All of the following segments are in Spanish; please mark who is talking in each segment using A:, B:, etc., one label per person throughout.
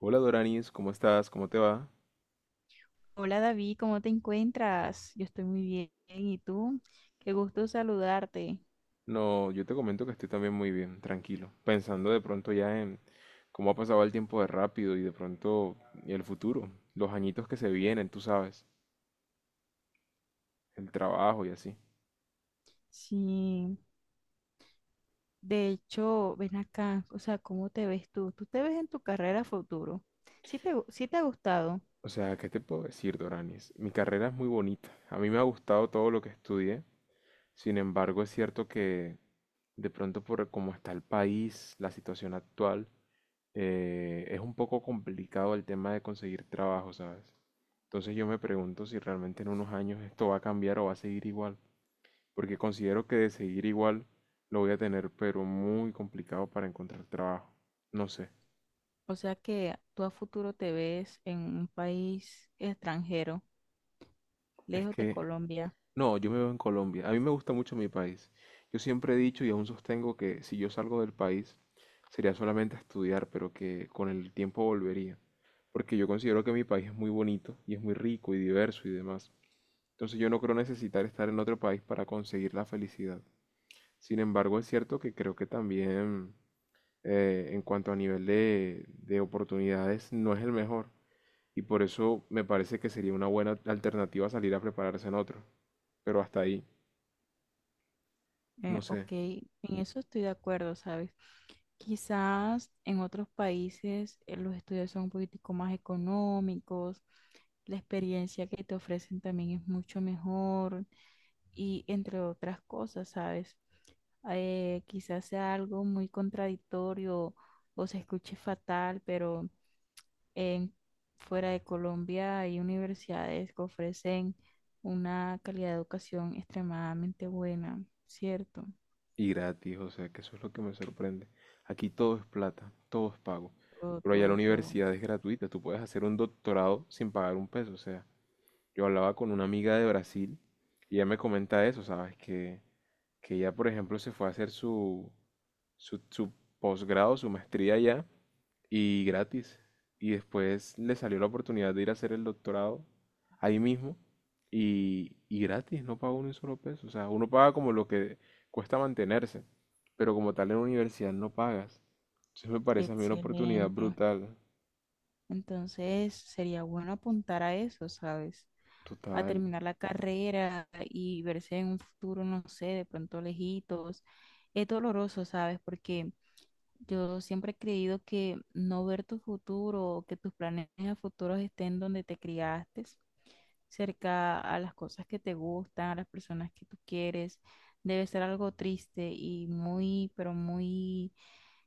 A: Hola Doranis, ¿cómo estás? ¿Cómo te va?
B: Hola David, ¿cómo te encuentras? Yo estoy muy bien. ¿Y tú? Qué gusto saludarte.
A: No, yo te comento que estoy también muy bien, tranquilo, pensando de pronto ya en cómo ha pasado el tiempo de rápido y de pronto el futuro, los añitos que se vienen, tú sabes, el trabajo y así.
B: Sí, de hecho, ven acá, o sea, ¿cómo te ves tú? ¿Tú te ves en tu carrera a futuro? Sí te ha gustado?
A: O sea, ¿qué te puedo decir, Doranis? Mi carrera es muy bonita, a mí me ha gustado todo lo que estudié, sin embargo es cierto que de pronto por cómo está el país, la situación actual, es un poco complicado el tema de conseguir trabajo, ¿sabes? Entonces yo me pregunto si realmente en unos años esto va a cambiar o va a seguir igual, porque considero que de seguir igual lo voy a tener, pero muy complicado para encontrar trabajo. No sé,
B: O sea, que tú a futuro te ves en un país extranjero,
A: es
B: lejos de
A: que
B: Colombia.
A: no, yo me veo en Colombia. A mí me gusta mucho mi país. Yo siempre he dicho y aún sostengo que si yo salgo del país sería solamente a estudiar, pero que con el tiempo volvería, porque yo considero que mi país es muy bonito y es muy rico y diverso y demás. Entonces yo no creo necesitar estar en otro país para conseguir la felicidad. Sin embargo, es cierto que creo que también en cuanto a nivel de oportunidades no es el mejor. Y por eso me parece que sería una buena alternativa salir a prepararse en otro. Pero hasta ahí, no sé.
B: Ok, en eso estoy de acuerdo, ¿sabes? Quizás en otros países los estudios son un poquitico más económicos, la experiencia que te ofrecen también es mucho mejor y entre otras cosas, ¿sabes? Quizás sea algo muy contradictorio o se escuche fatal, pero en, fuera de Colombia hay universidades que ofrecen una calidad de educación extremadamente buena, ¿cierto?
A: Y gratis, o sea, que eso es lo que me sorprende. Aquí todo es plata, todo es pago.
B: Todo,
A: Pero allá la
B: todo, todo.
A: universidad es gratuita, tú puedes hacer un doctorado sin pagar un peso, o sea, yo hablaba con una amiga de Brasil y ella me comenta eso, ¿sabes? Que ella, por ejemplo, se fue a hacer su, su posgrado, su maestría allá y gratis. Y después le salió la oportunidad de ir a hacer el doctorado ahí mismo y gratis, no pagó ni un solo peso. O sea, uno paga como lo que cuesta mantenerse, pero como tal en la universidad no pagas. Entonces me parece a mí una oportunidad
B: Excelente.
A: brutal,
B: Entonces sería bueno apuntar a eso, ¿sabes? A
A: total,
B: terminar la carrera y verse en un futuro, no sé, de pronto lejitos. Es doloroso, ¿sabes? Porque yo siempre he creído que no ver tu futuro o que tus planes a futuro estén donde te criaste, cerca a las cosas que te gustan, a las personas que tú quieres, debe ser algo triste y muy, pero muy,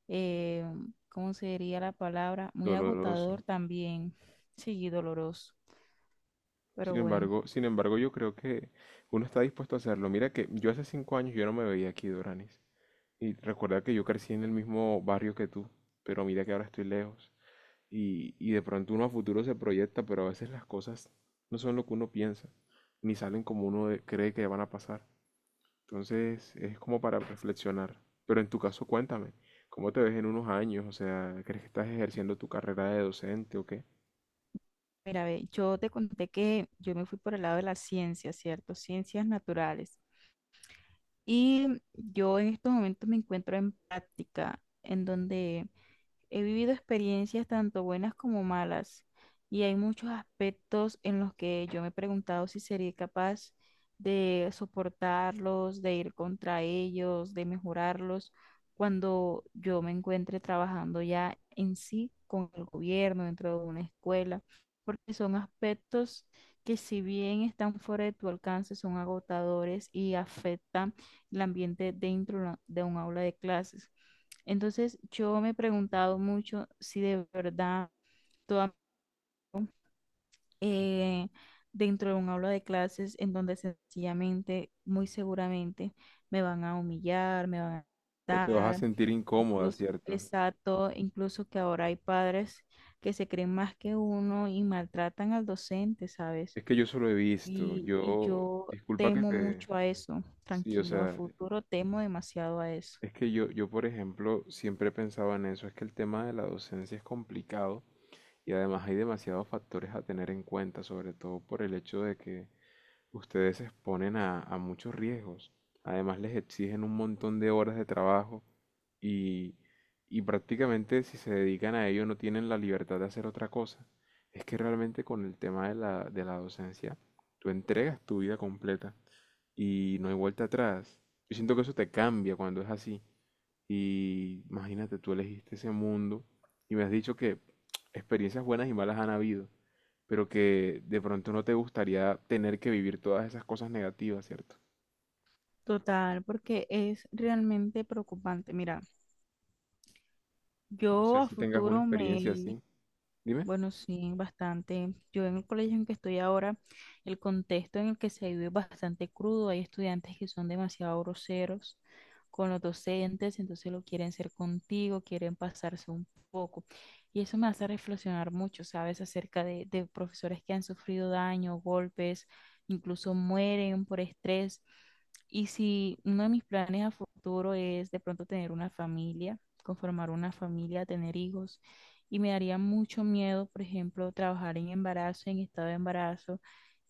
B: eh, ¿cómo se diría la palabra? Muy
A: doloroso.
B: agotador también, sí, y doloroso,
A: Sin
B: pero bueno.
A: embargo, sin embargo, yo creo que uno está dispuesto a hacerlo. Mira que yo hace cinco años yo no me veía aquí, Doranis. Y recuerda que yo crecí en el mismo barrio que tú, pero mira que ahora estoy lejos. Y de pronto uno a futuro se proyecta, pero a veces las cosas no son lo que uno piensa, ni salen como cree que van a pasar. Entonces es como para reflexionar. Pero en tu caso, cuéntame, ¿cómo te ves en unos años? O sea, ¿crees que estás ejerciendo tu carrera de docente o qué?
B: Mira, ve, yo te conté que yo me fui por el lado de las ciencias, ¿cierto? Ciencias naturales. Y yo en estos momentos me encuentro en práctica, en donde he vivido experiencias tanto buenas como malas, y hay muchos aspectos en los que yo me he preguntado si sería capaz de soportarlos, de ir contra ellos, de mejorarlos cuando yo me encuentre trabajando ya en sí con el gobierno, dentro de una escuela, porque son aspectos que, si bien están fuera de tu alcance, son agotadores y afectan el ambiente dentro de de un aula de clases. Entonces yo me he preguntado mucho si de verdad toda, eh, dentro de un aula de clases en donde sencillamente, muy seguramente, me van a humillar, me van a
A: ¿O te vas a
B: dar,
A: sentir incómoda,
B: incluso,
A: cierto?
B: exacto, incluso que ahora hay padres que se creen más que uno y maltratan al docente, ¿sabes?
A: Es que yo solo he visto,
B: Y
A: yo,
B: yo
A: disculpa que
B: temo
A: te,
B: mucho a eso,
A: sí, o
B: tranquilo, a
A: sea,
B: futuro temo demasiado a eso.
A: es que yo por ejemplo siempre pensaba en eso, es que el tema de la docencia es complicado y además hay demasiados factores a tener en cuenta, sobre todo por el hecho de que ustedes se exponen a muchos riesgos, además les exigen un montón de horas de trabajo y, y prácticamente si se dedican a ello no tienen la libertad de hacer otra cosa. Es que realmente con el tema de de la docencia, tú entregas tu vida completa y no hay vuelta atrás. Yo siento que eso te cambia cuando es así. Y imagínate, tú elegiste ese mundo y me has dicho que experiencias buenas y malas han habido, pero que de pronto no te gustaría tener que vivir todas esas cosas negativas, ¿cierto?
B: Total, porque es realmente preocupante. Mira,
A: No
B: yo
A: sé
B: a
A: si tengas una
B: futuro
A: experiencia así.
B: me,
A: Dime.
B: bueno, sí, bastante. Yo en el colegio en que estoy ahora, el contexto en el que se vive es bastante crudo. Hay estudiantes que son demasiado groseros con los docentes, entonces lo quieren ser contigo, quieren pasarse un poco. Y eso me hace reflexionar mucho, ¿sabes? Acerca de profesores que han sufrido daño, golpes, incluso mueren por estrés. Y si uno de mis planes a futuro es de pronto tener una familia, conformar una familia, tener hijos. Y me daría mucho miedo, por ejemplo, trabajar en embarazo, en estado de embarazo,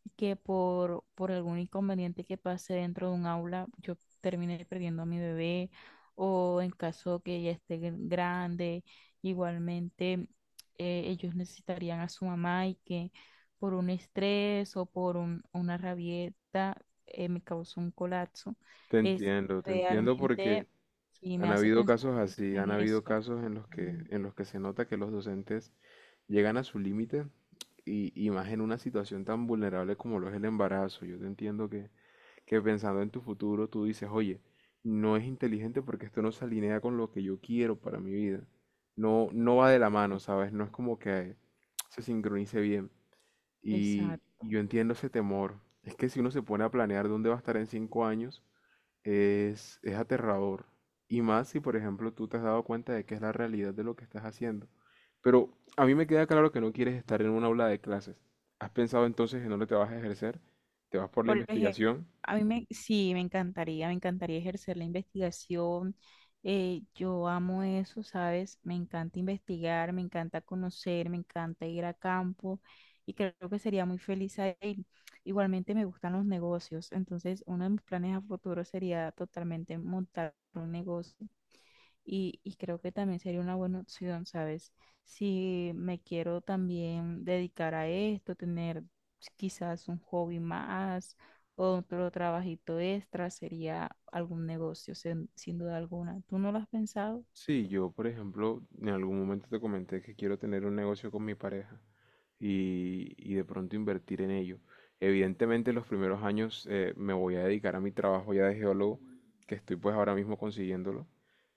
B: y que por algún inconveniente que pase dentro de un aula, yo termine perdiendo a mi bebé, o en caso que ella esté grande, igualmente ellos necesitarían a su mamá, y que por un estrés o por una rabieta me causó un colapso.
A: Te
B: Es
A: entiendo, te entiendo
B: realmente,
A: porque
B: sí, me
A: han
B: hace
A: habido
B: pensar
A: casos
B: mucho
A: así, han
B: en
A: habido
B: eso.
A: casos
B: Mm.
A: en los que se nota que los docentes llegan a su límite y más en una situación tan vulnerable como lo es el embarazo. Yo te entiendo que pensando en tu futuro tú dices, oye, no es inteligente porque esto no se alinea con lo que yo quiero para mi vida. No, no va de la mano, ¿sabes? No es como que se sincronice bien. Y yo
B: Exacto.
A: entiendo ese temor. Es que si uno se pone a planear dónde va a estar en cinco años, es aterrador. Y más si, por ejemplo, tú te has dado cuenta de que es la realidad de lo que estás haciendo. Pero a mí me queda claro que no quieres estar en un aula de clases. ¿Has pensado entonces en dónde te vas a ejercer? ¿Te vas por la
B: Por ejemplo,
A: investigación?
B: a mí me, sí, me encantaría ejercer la investigación. Yo amo eso, ¿sabes? Me encanta investigar, me encanta conocer, me encanta ir a campo y creo que sería muy feliz ahí. Igualmente me gustan los negocios, entonces uno de mis planes a futuro sería totalmente montar un negocio. Y creo que también sería una buena opción, ¿sabes? Si me quiero también dedicar a esto, tener quizás un hobby más o otro trabajito extra, sería algún negocio, sin duda alguna. ¿Tú no lo has pensado?
A: Sí, yo, por ejemplo, en algún momento te comenté que quiero tener un negocio con mi pareja y de pronto invertir en ello. Evidentemente, los primeros años me voy a dedicar a mi trabajo ya de geólogo, que estoy pues ahora mismo consiguiéndolo,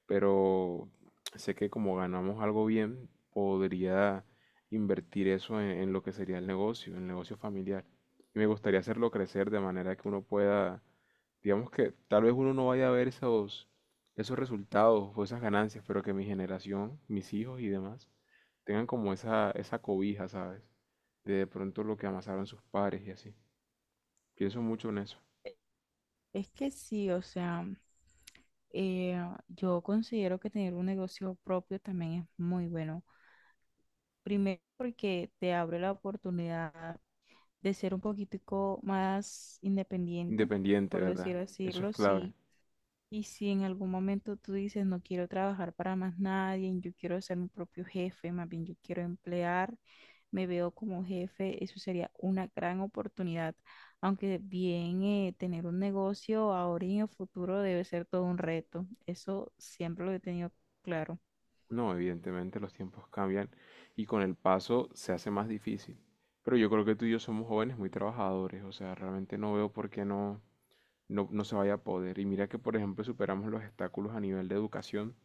A: pero sé que como ganamos algo bien, podría invertir eso en lo que sería el negocio familiar. Y me gustaría hacerlo crecer de manera que uno pueda, digamos que tal vez uno no vaya a ver esos esos resultados o esas ganancias, pero que mi generación, mis hijos y demás, tengan como esa cobija, ¿sabes? De pronto lo que amasaron sus padres y así. Pienso mucho en eso.
B: Es que sí, o sea, eh, yo considero que tener un negocio propio también es muy bueno. Primero porque te abre la oportunidad de ser un poquitico más independiente,
A: Independiente,
B: por decir
A: ¿verdad?
B: así,
A: Eso es clave.
B: sí. Y si en algún momento tú dices, no quiero trabajar para más nadie, yo quiero ser mi propio jefe, más bien yo quiero emplear, me veo como jefe, eso sería una gran oportunidad. Aunque bien, tener un negocio ahora y en el futuro debe ser todo un reto. Eso siempre lo he tenido claro.
A: No, evidentemente los tiempos cambian y con el paso se hace más difícil. Pero yo creo que tú y yo somos jóvenes muy trabajadores, o sea, realmente no veo por qué no, no se vaya a poder. Y mira que, por ejemplo, superamos los obstáculos a nivel de educación,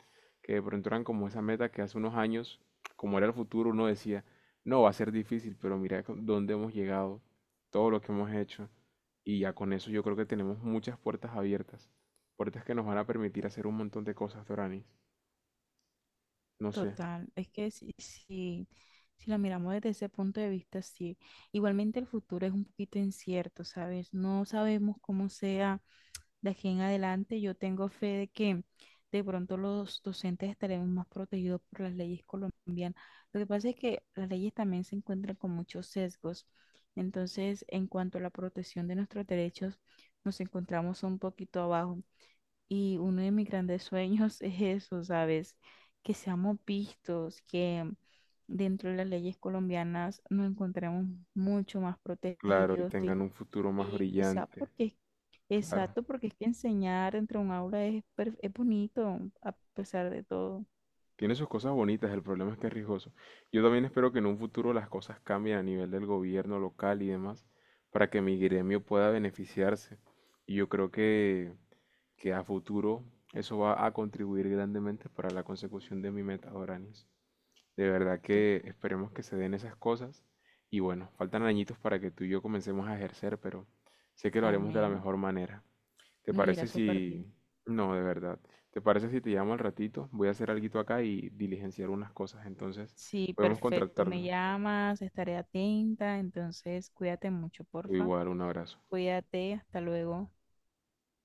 A: que de pronto eran como esa meta que hace unos años, como era el futuro, uno decía, no, va a ser difícil, pero dónde hemos llegado, todo lo que hemos hecho. Y ya con eso yo creo que tenemos muchas puertas abiertas, puertas que nos van a permitir hacer un montón de cosas, Doranis. No sé,
B: Total, es que si lo miramos desde ese punto de vista, sí. Igualmente el futuro es un poquito incierto, ¿sabes? No sabemos cómo sea de aquí en adelante. Yo tengo fe de que de pronto los docentes estaremos más protegidos por las leyes colombianas. Lo que pasa es que las leyes también se encuentran con muchos sesgos. Entonces, en cuanto a la protección de nuestros derechos, nos encontramos un poquito abajo. Y uno de mis grandes sueños es eso, ¿sabes? Que seamos vistos, que dentro de las leyes colombianas nos encontremos mucho más
A: claro, y
B: protegidos. Y
A: tengan un futuro más
B: y quizá
A: brillante,
B: porque,
A: claro.
B: exacto, porque es que enseñar entre un aula es, es bonito a pesar de todo.
A: Tiene sus cosas bonitas, el problema es que es riesgoso. Yo también espero que en un futuro las cosas cambien a nivel del gobierno local y demás, para que mi gremio pueda beneficiarse. Y yo creo que a futuro eso va a contribuir grandemente para la consecución de mi meta, Doranis. De verdad
B: Tú-
A: que esperemos que se den esas cosas. Y bueno, faltan añitos para que tú y yo comencemos a ejercer, pero sé que lo haremos de la
B: Amén.
A: mejor manera. ¿Te
B: Nos irá
A: parece
B: súper bien.
A: si... No, de verdad. ¿Te parece si te llamo al ratito? Voy a hacer alguito acá y diligenciar unas cosas, entonces
B: Sí,
A: podemos
B: perfecto. Me
A: contactarnos.
B: llamas, estaré atenta. Entonces, cuídate mucho, porfa.
A: Igual, un abrazo.
B: Cuídate, hasta luego.